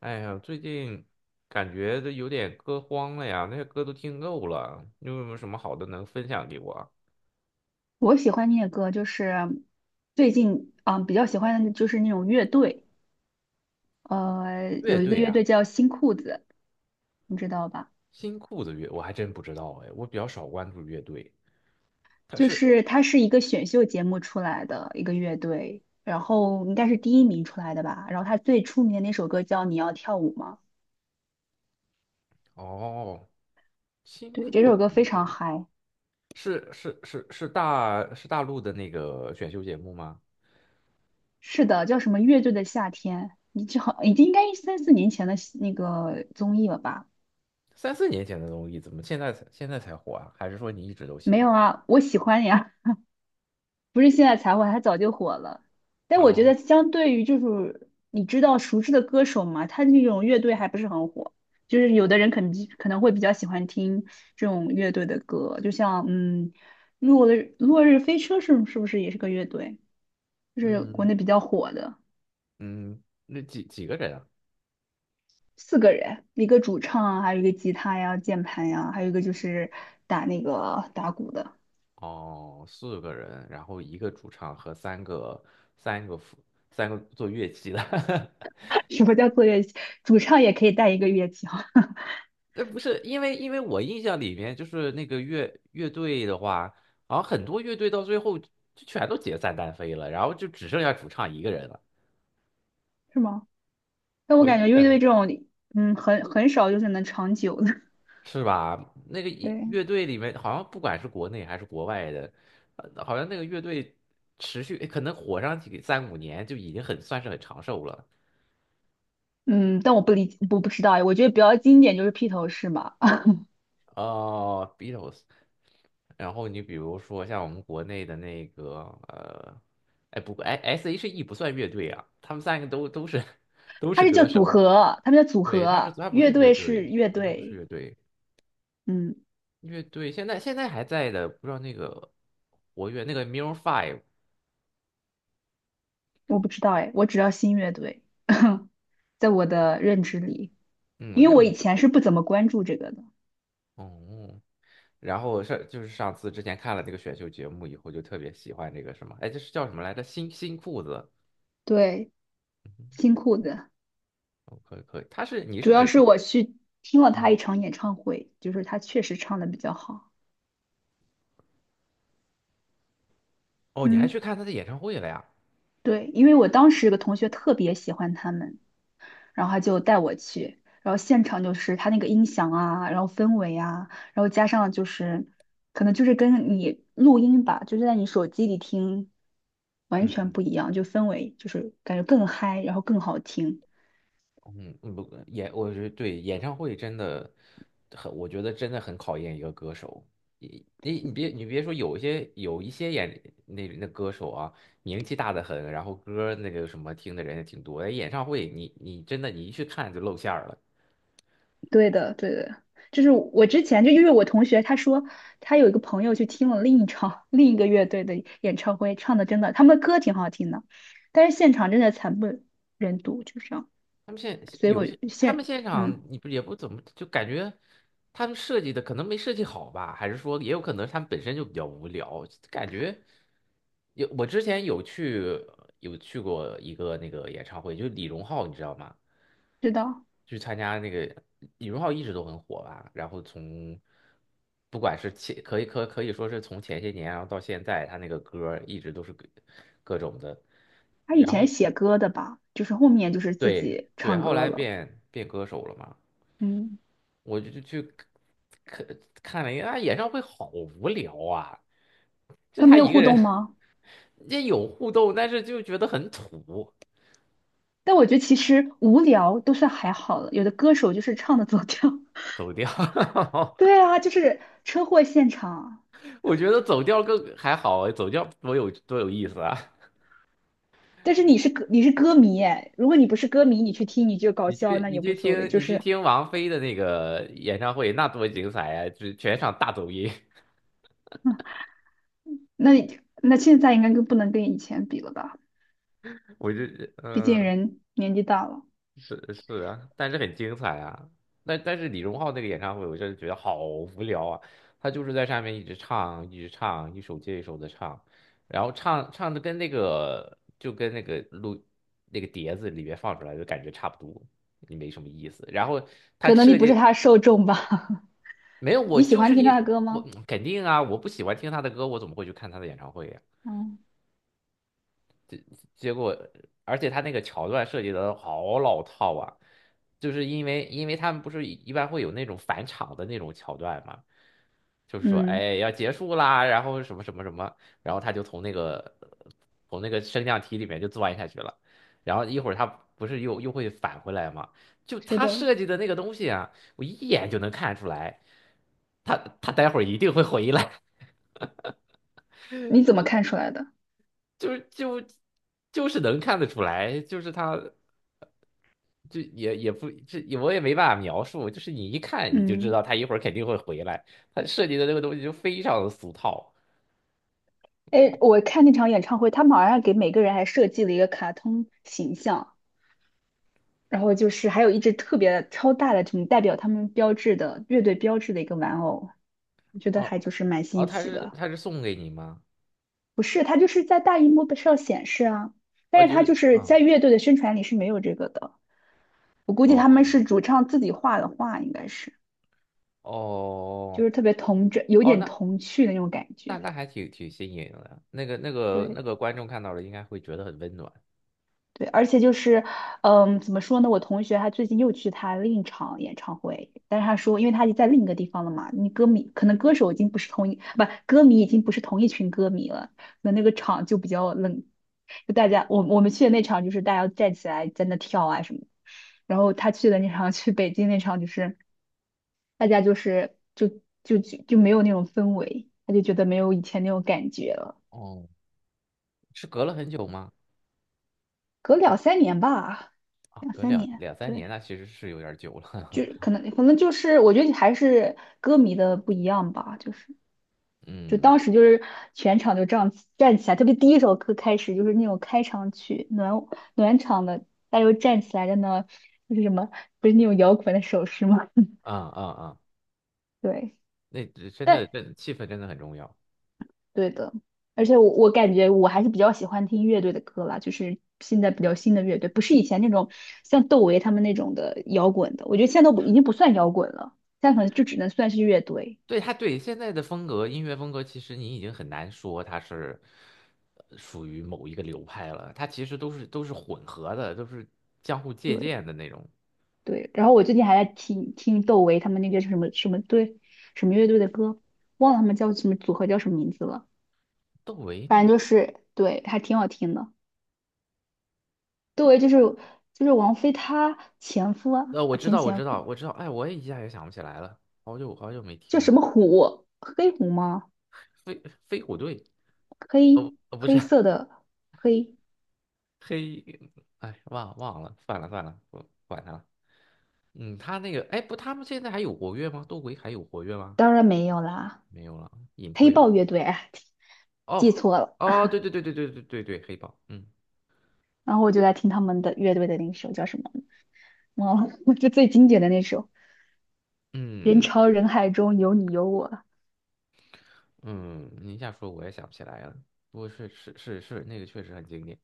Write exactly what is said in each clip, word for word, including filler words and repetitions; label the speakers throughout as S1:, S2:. S1: 哎呀，最近感觉都有点歌荒了呀，那些歌都听够了。你有没有什么好的能分享给我啊。
S2: 我喜欢听的歌就是最近啊、比较喜欢的就是那种乐队，呃，
S1: 乐
S2: 有一个
S1: 队
S2: 乐
S1: 啊，
S2: 队叫新裤子，你知道吧？
S1: 新裤子乐，我还真不知道哎，我比较少关注乐队。
S2: 就是它是一个选秀节目出来的一个乐队，然后应该是第一名出来的吧。然后它最出名的那首歌叫《你要跳舞吗》，
S1: 哦，新
S2: 对，这
S1: 裤
S2: 首
S1: 子
S2: 歌非
S1: 乐
S2: 常
S1: 队
S2: 嗨。
S1: 是是是是大是大陆的那个选秀节目吗？
S2: 是的，叫什么乐队的夏天，你就好已经应该三四年前的那个综艺了吧？
S1: 三四年前的东西，怎么现在才现在才火啊？还是说你一直都喜
S2: 没
S1: 欢？
S2: 有啊，我喜欢呀。不是现在才火，他早就火了。但我觉
S1: 啊，
S2: 得相对于就是你知道熟知的歌手嘛，他那种乐队还不是很火。就是有的人可能可能会比较喜欢听这种乐队的歌，就像嗯，落日落日飞车是是不是也是个乐队？就是国
S1: 嗯
S2: 内比较火的，
S1: 嗯，那几几个人啊？
S2: 四个人，一个主唱啊，还有一个吉他呀、键盘呀，还有一个就是打那个打鼓的。
S1: 哦，四个人，然后一个主唱和三个三个辅三个做乐器的。
S2: 什么叫做乐器？主唱也可以带一个乐器啊，
S1: 呃，不是，因为因为我印象里面就是那个乐乐队的话，好像很多乐队到最后就全都解散单飞了，然后就只剩下主唱一个人了。
S2: 是吗？但我
S1: 我
S2: 感觉
S1: 印
S2: 乐
S1: 象
S2: 队
S1: 里
S2: 这种，嗯，很很少就是能长久的。
S1: 是吧？那个一
S2: 对，
S1: 乐队里面好像不管是国内还是国外的，呃好像那个乐队持续可能火上几三五年就已经很算是很长寿了。
S2: 嗯，但我不理，我不知道，我觉得比较经典就是披头士嘛，啊，
S1: 哦，Beatles。然后你比如说像我们国内的那个呃，哎不过哎 S H E 不算乐队啊，他们三个都都是 都
S2: 它
S1: 是
S2: 是叫
S1: 歌
S2: 组
S1: 手，
S2: 合，他们叫组
S1: 对，他是
S2: 合，
S1: 他不
S2: 乐
S1: 是乐
S2: 队是
S1: 队，
S2: 乐
S1: 他不是
S2: 队，
S1: 乐队，
S2: 嗯，
S1: 乐队现在现在还在的，不知道那个活跃那个 m i r r Five，
S2: 我不知道哎，我只要新乐队，在我的认知里，
S1: 嗯，
S2: 因
S1: 那
S2: 为我以前是不怎么关注这个的。
S1: 哦，然后上就是上次之前看了那个选秀节目以后，就特别喜欢这个什么，哎，这是叫什么来着？新新裤子，
S2: 对，新裤子，
S1: 哦，可以可以，他是你
S2: 主
S1: 是
S2: 要
S1: 指
S2: 是我去听了他
S1: 嗯。
S2: 一场演唱会，就是他确实唱的比较好。
S1: 哦，你还去
S2: 嗯，
S1: 看他的演唱会了呀？
S2: 对，因为我当时有个同学特别喜欢他们。然后他就带我去，然后现场就是他那个音响啊，然后氛围啊，然后加上就是可能就是跟你录音吧，就是在你手机里听完
S1: 嗯
S2: 全不一样，就氛围就是感觉更嗨，然后更好听。
S1: 嗯，嗯不，演，我觉得对演唱会真的很，我觉得真的很考验一个歌手。你你你别你别说，有一些有一些演那那歌手啊，名气大的很，然后歌儿那个什么听的人也挺多。哎，演唱会你你真的你一去看就露馅儿了。
S2: 对的，对的，就是我之前就因为我同学他说他有一个朋友去听了另一场 另一个乐队的演唱会，唱的真的他们的歌挺好听的，但是现场真的惨不忍睹，就这样。
S1: 他们现
S2: 所以
S1: 有
S2: 我
S1: 些，他们
S2: 现
S1: 现场
S2: 嗯
S1: 你不也不怎么就感觉他们设计的可能没设计好吧，还是说也有可能他们本身就比较无聊，感觉有我之前有去有去过一个那个演唱会，就是李荣浩，你知道吗？
S2: 知道。
S1: 去参加那个李荣浩一直都很火吧，然后从不管是前可以可可以说是从前些年，然后到现在，他那个歌儿一直都是各各种的，
S2: 他以前写歌的吧，就是后面就是自
S1: 对
S2: 己
S1: 对，
S2: 唱
S1: 后
S2: 歌
S1: 来
S2: 了。
S1: 变变歌手了嘛。
S2: 嗯，
S1: 我就就去看看了一下，啊演唱会好无聊啊，就
S2: 他没
S1: 他
S2: 有
S1: 一个
S2: 互
S1: 人，
S2: 动吗？
S1: 也有互动，但是就觉得很土，
S2: 但我觉得其实无聊都算还好了，有的歌手就是唱的走调。
S1: 走调。
S2: 对啊，就是车祸现场。
S1: 我觉得走调更还好，走调多有多有意思啊！
S2: 但是你是歌你是歌迷哎，如果你不是歌迷，你去听你就搞
S1: 你
S2: 笑，
S1: 去
S2: 那
S1: 你
S2: 也无
S1: 去
S2: 所谓。
S1: 听
S2: 就
S1: 你去
S2: 是
S1: 听王菲的那个演唱会，那多精彩啊！就全场大走音，
S2: 那那现在应该跟不能跟以前比了吧？
S1: 我就
S2: 毕竟
S1: 嗯。
S2: 人年纪大了，
S1: 是是啊，但是很精彩啊。但但是李荣浩那个演唱会，我真的觉得好无聊啊。他就是在上面一直唱，一直唱，一首接一首的唱，然后唱唱的跟那个就跟那个录那个碟子里面放出来的感觉差不多，也没什么意思。然后他
S2: 可能你
S1: 设
S2: 不是
S1: 计
S2: 他的受众吧？
S1: 没有，我
S2: 你喜
S1: 就
S2: 欢
S1: 是
S2: 听他的
S1: 一
S2: 歌
S1: 我
S2: 吗？
S1: 肯定啊，我不喜欢听他的歌，我怎么会去看他的演唱会呀？
S2: 嗯
S1: 结果，而且他那个桥段设计的好老套啊，就是因为因为他们不是一一般会有那种返场的那种桥段嘛，就是说
S2: 嗯，
S1: 哎要结束啦，然后什么什么什么，然后他就从那个从那个升降梯里面就钻下去了，然后一会儿他不是又又会返回来嘛，就
S2: 是
S1: 他
S2: 的。
S1: 设计的那个东西啊，我一眼就能看出来，他他待会儿一定会回来，
S2: 你怎么看出来的？
S1: 就是就就是能看得出来，就是他。就也也不这我也没办法描述，就是你一看你就知
S2: 嗯。
S1: 道他一会儿肯定会回来，他设计的这个东西就非常的俗套。
S2: 哎，我看那场演唱会，他们好像给每个人还设计了一个卡通形象，然后就是还有一只特别超大的，这种代表他们标志的乐队标志的一个玩偶，我觉得还
S1: 哦
S2: 就是蛮
S1: 哦，
S2: 新
S1: 他
S2: 奇
S1: 是
S2: 的。
S1: 他是送给你吗？
S2: 不是，它就是在大荧幕上显示啊，
S1: 哦，
S2: 但是
S1: 就
S2: 它就
S1: 是
S2: 是
S1: 啊，
S2: 在乐队的宣传里是没有这个的。我估计他们
S1: 哦
S2: 是主唱自己画的画，应该是
S1: 哦
S2: 就是特别童真，有
S1: 哦，
S2: 点
S1: 那
S2: 童趣的那种感
S1: 那
S2: 觉。
S1: 那还挺挺新颖的，那个那个那
S2: 对，
S1: 个观众看到了应该会觉得很温暖。
S2: 对，而且就是，嗯，怎么说呢？我同学他最近又去他另一场演唱会，但是他说，因为他已经在另一个地方了嘛，你歌迷可能歌手已经不是同一，不，歌迷已经不是同一群歌迷了，那那个场就比较冷，就大家我我们去的那场就是大家站起来在那跳啊什么的然后他去的那场 去北京那场就是大家就是就就就就没有那种氛围，他就觉得没有以前那种感觉了，
S1: 哦，是隔了很久吗？
S2: 隔两三年吧，
S1: 啊，
S2: 两
S1: 隔
S2: 三
S1: 两
S2: 年，
S1: 两三
S2: 对。
S1: 年，那其实是有点儿久了。
S2: 就 可能可能就是我觉得还是歌迷的不一样吧，就是就
S1: 嗯，
S2: 当时就是全场就这样站起来，特别第一首歌开始就是那种开场曲暖暖场的，大家就站起来在那就是什么不是那种摇滚的手势吗？
S1: 啊啊啊，
S2: 对，
S1: 那真的，
S2: 但
S1: 真气氛真的很重要。
S2: 对的，而且我我感觉我还是比较喜欢听乐队的歌啦，就是现在比较新的乐队，不是以前那种像窦唯他们那种的摇滚的，我觉得现在都不已经不算摇滚了，现在可能就只能算是乐队。
S1: 对，他对现在的风格，音乐风格，其实你已经很难说它是呃属于某一个流派了，它其实都是都是混合的，都是相互借
S2: 对。
S1: 鉴的那种。
S2: 对，然后我最近还在听听窦唯他们那个什么什么队什么乐队的歌，忘了他们叫什么组合叫什么名字了，
S1: 窦唯那
S2: 反
S1: 个，
S2: 正就是对，还挺好听的。窦唯就是就是王菲她前夫啊，
S1: 呃，我知
S2: 前
S1: 道，我
S2: 前
S1: 知道，
S2: 夫
S1: 我知道，哎，我也一下也想不起来了，好久好久没
S2: 叫
S1: 听
S2: 什
S1: 了。
S2: 么虎？黑虎吗？
S1: 飞飞虎队，哦，
S2: 黑
S1: 呃不是
S2: 黑色的黑，
S1: 黑，哎，忘忘了，算了算了，不管他了。嗯，他那个，哎，不，他们现在还有活跃吗？窦唯还有活跃吗？
S2: 当然没有啦，
S1: 没有了，隐
S2: 黑
S1: 退了。
S2: 豹乐队，哎记
S1: 哦
S2: 错了。
S1: 哦，对对对对对对对对，黑豹，嗯。
S2: 然后我就在听他们的乐队的那首叫什么，忘了，就最经典的那首《人
S1: 嗯
S2: 潮人海中有你有我》。
S1: 嗯，你一下说我也想不起来了。不过是是是是，那个确实很经典。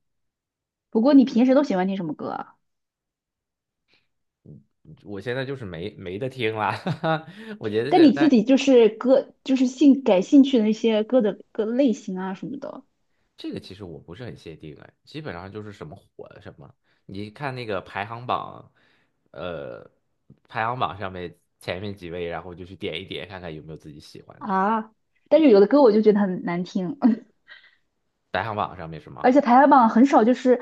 S2: 不过你平时都喜欢听什么歌啊？
S1: 我现在就是没没得听了，哈哈我觉得
S2: 但
S1: 现
S2: 你自
S1: 在
S2: 己就是歌，就是兴感兴趣的那些歌的歌类型啊什么的
S1: 这个其实我不是很限定哎，基本上就是什么火的什么。你看那个排行榜，呃，排行榜上面前面几位，然后就去点一点看看有没有自己喜欢的。
S2: 啊。但是有的歌我就觉得很难听，
S1: 排行榜上面什
S2: 而
S1: 么，
S2: 且排行榜很少，就是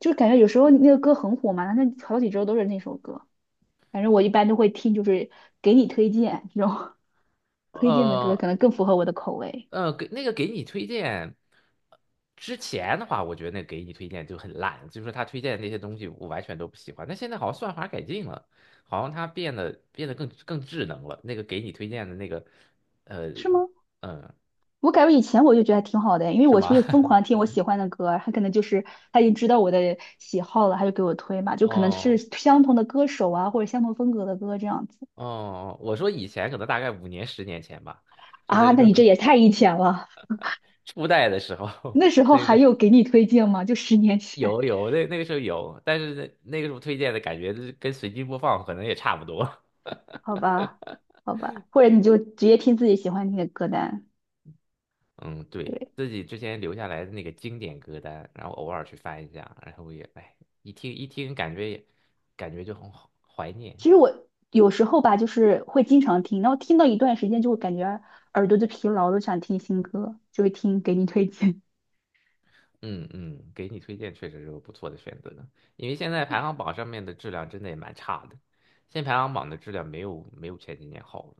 S2: 就是感觉有时候那个歌很火嘛，那好几周都是那首歌。反正我一般都会听，就是给你推荐这种 推荐的歌，
S1: 呃
S2: 可能更符合我的口味，
S1: 呃，给那个给你推荐之前的话，我觉得那个给你推荐就很烂，就是他推荐的那些东西我完全都不喜欢。但现在好像算法改进了，好像他变得变得更更智能了。那个给你推荐的那个，呃，
S2: 是吗？
S1: 嗯，
S2: 我感觉以前我就觉得还挺好的，因为
S1: 是
S2: 我就
S1: 吗？
S2: 会疯 狂听我喜欢的歌儿，他可能就是他已经知道我的喜好了，他就给我推嘛，就可能是
S1: 哦
S2: 相同的歌手啊，或者相同风格的歌这样子
S1: 哦，我说以前可能大概五年、十年前吧，就这
S2: 啊。
S1: 个
S2: 那
S1: 时候。
S2: 你这 也太以前了，
S1: 初代的时候
S2: 那时 候还有给你推荐吗？就十年前，
S1: 有有那那个时候有，但是那那个时候推荐的感觉就是跟随机播放可能也差不多。
S2: 好吧，好吧，或者你就直接听自己喜欢听的歌单。
S1: 嗯，对，
S2: 对，
S1: 自己之前留下来的那个经典歌单，然后偶尔去翻一下，然后也，哎，一听一听，感觉也感觉就很好怀念。
S2: 其实我有时候吧，就是会经常听，然后听到一段时间就会感觉耳朵就疲劳都想听新歌，就会听给你推荐。
S1: 嗯嗯，给你推荐确实是个不错的选择，因为现在排行榜上面的质量真的也蛮差的，现在排行榜的质量没有没有前几年好了。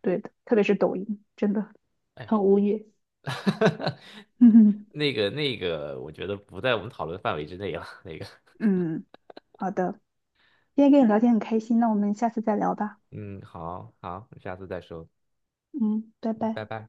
S2: 对的，特别是抖音，真的。
S1: 哎呀，
S2: 很无语。嗯，
S1: 那个那个，我觉得不在我们讨论范围之内了。那个，
S2: 嗯，好的，今天跟你聊天很开心，那我们下次再聊吧。
S1: 嗯，好好，下次再说，
S2: 嗯，拜
S1: 拜
S2: 拜。
S1: 拜。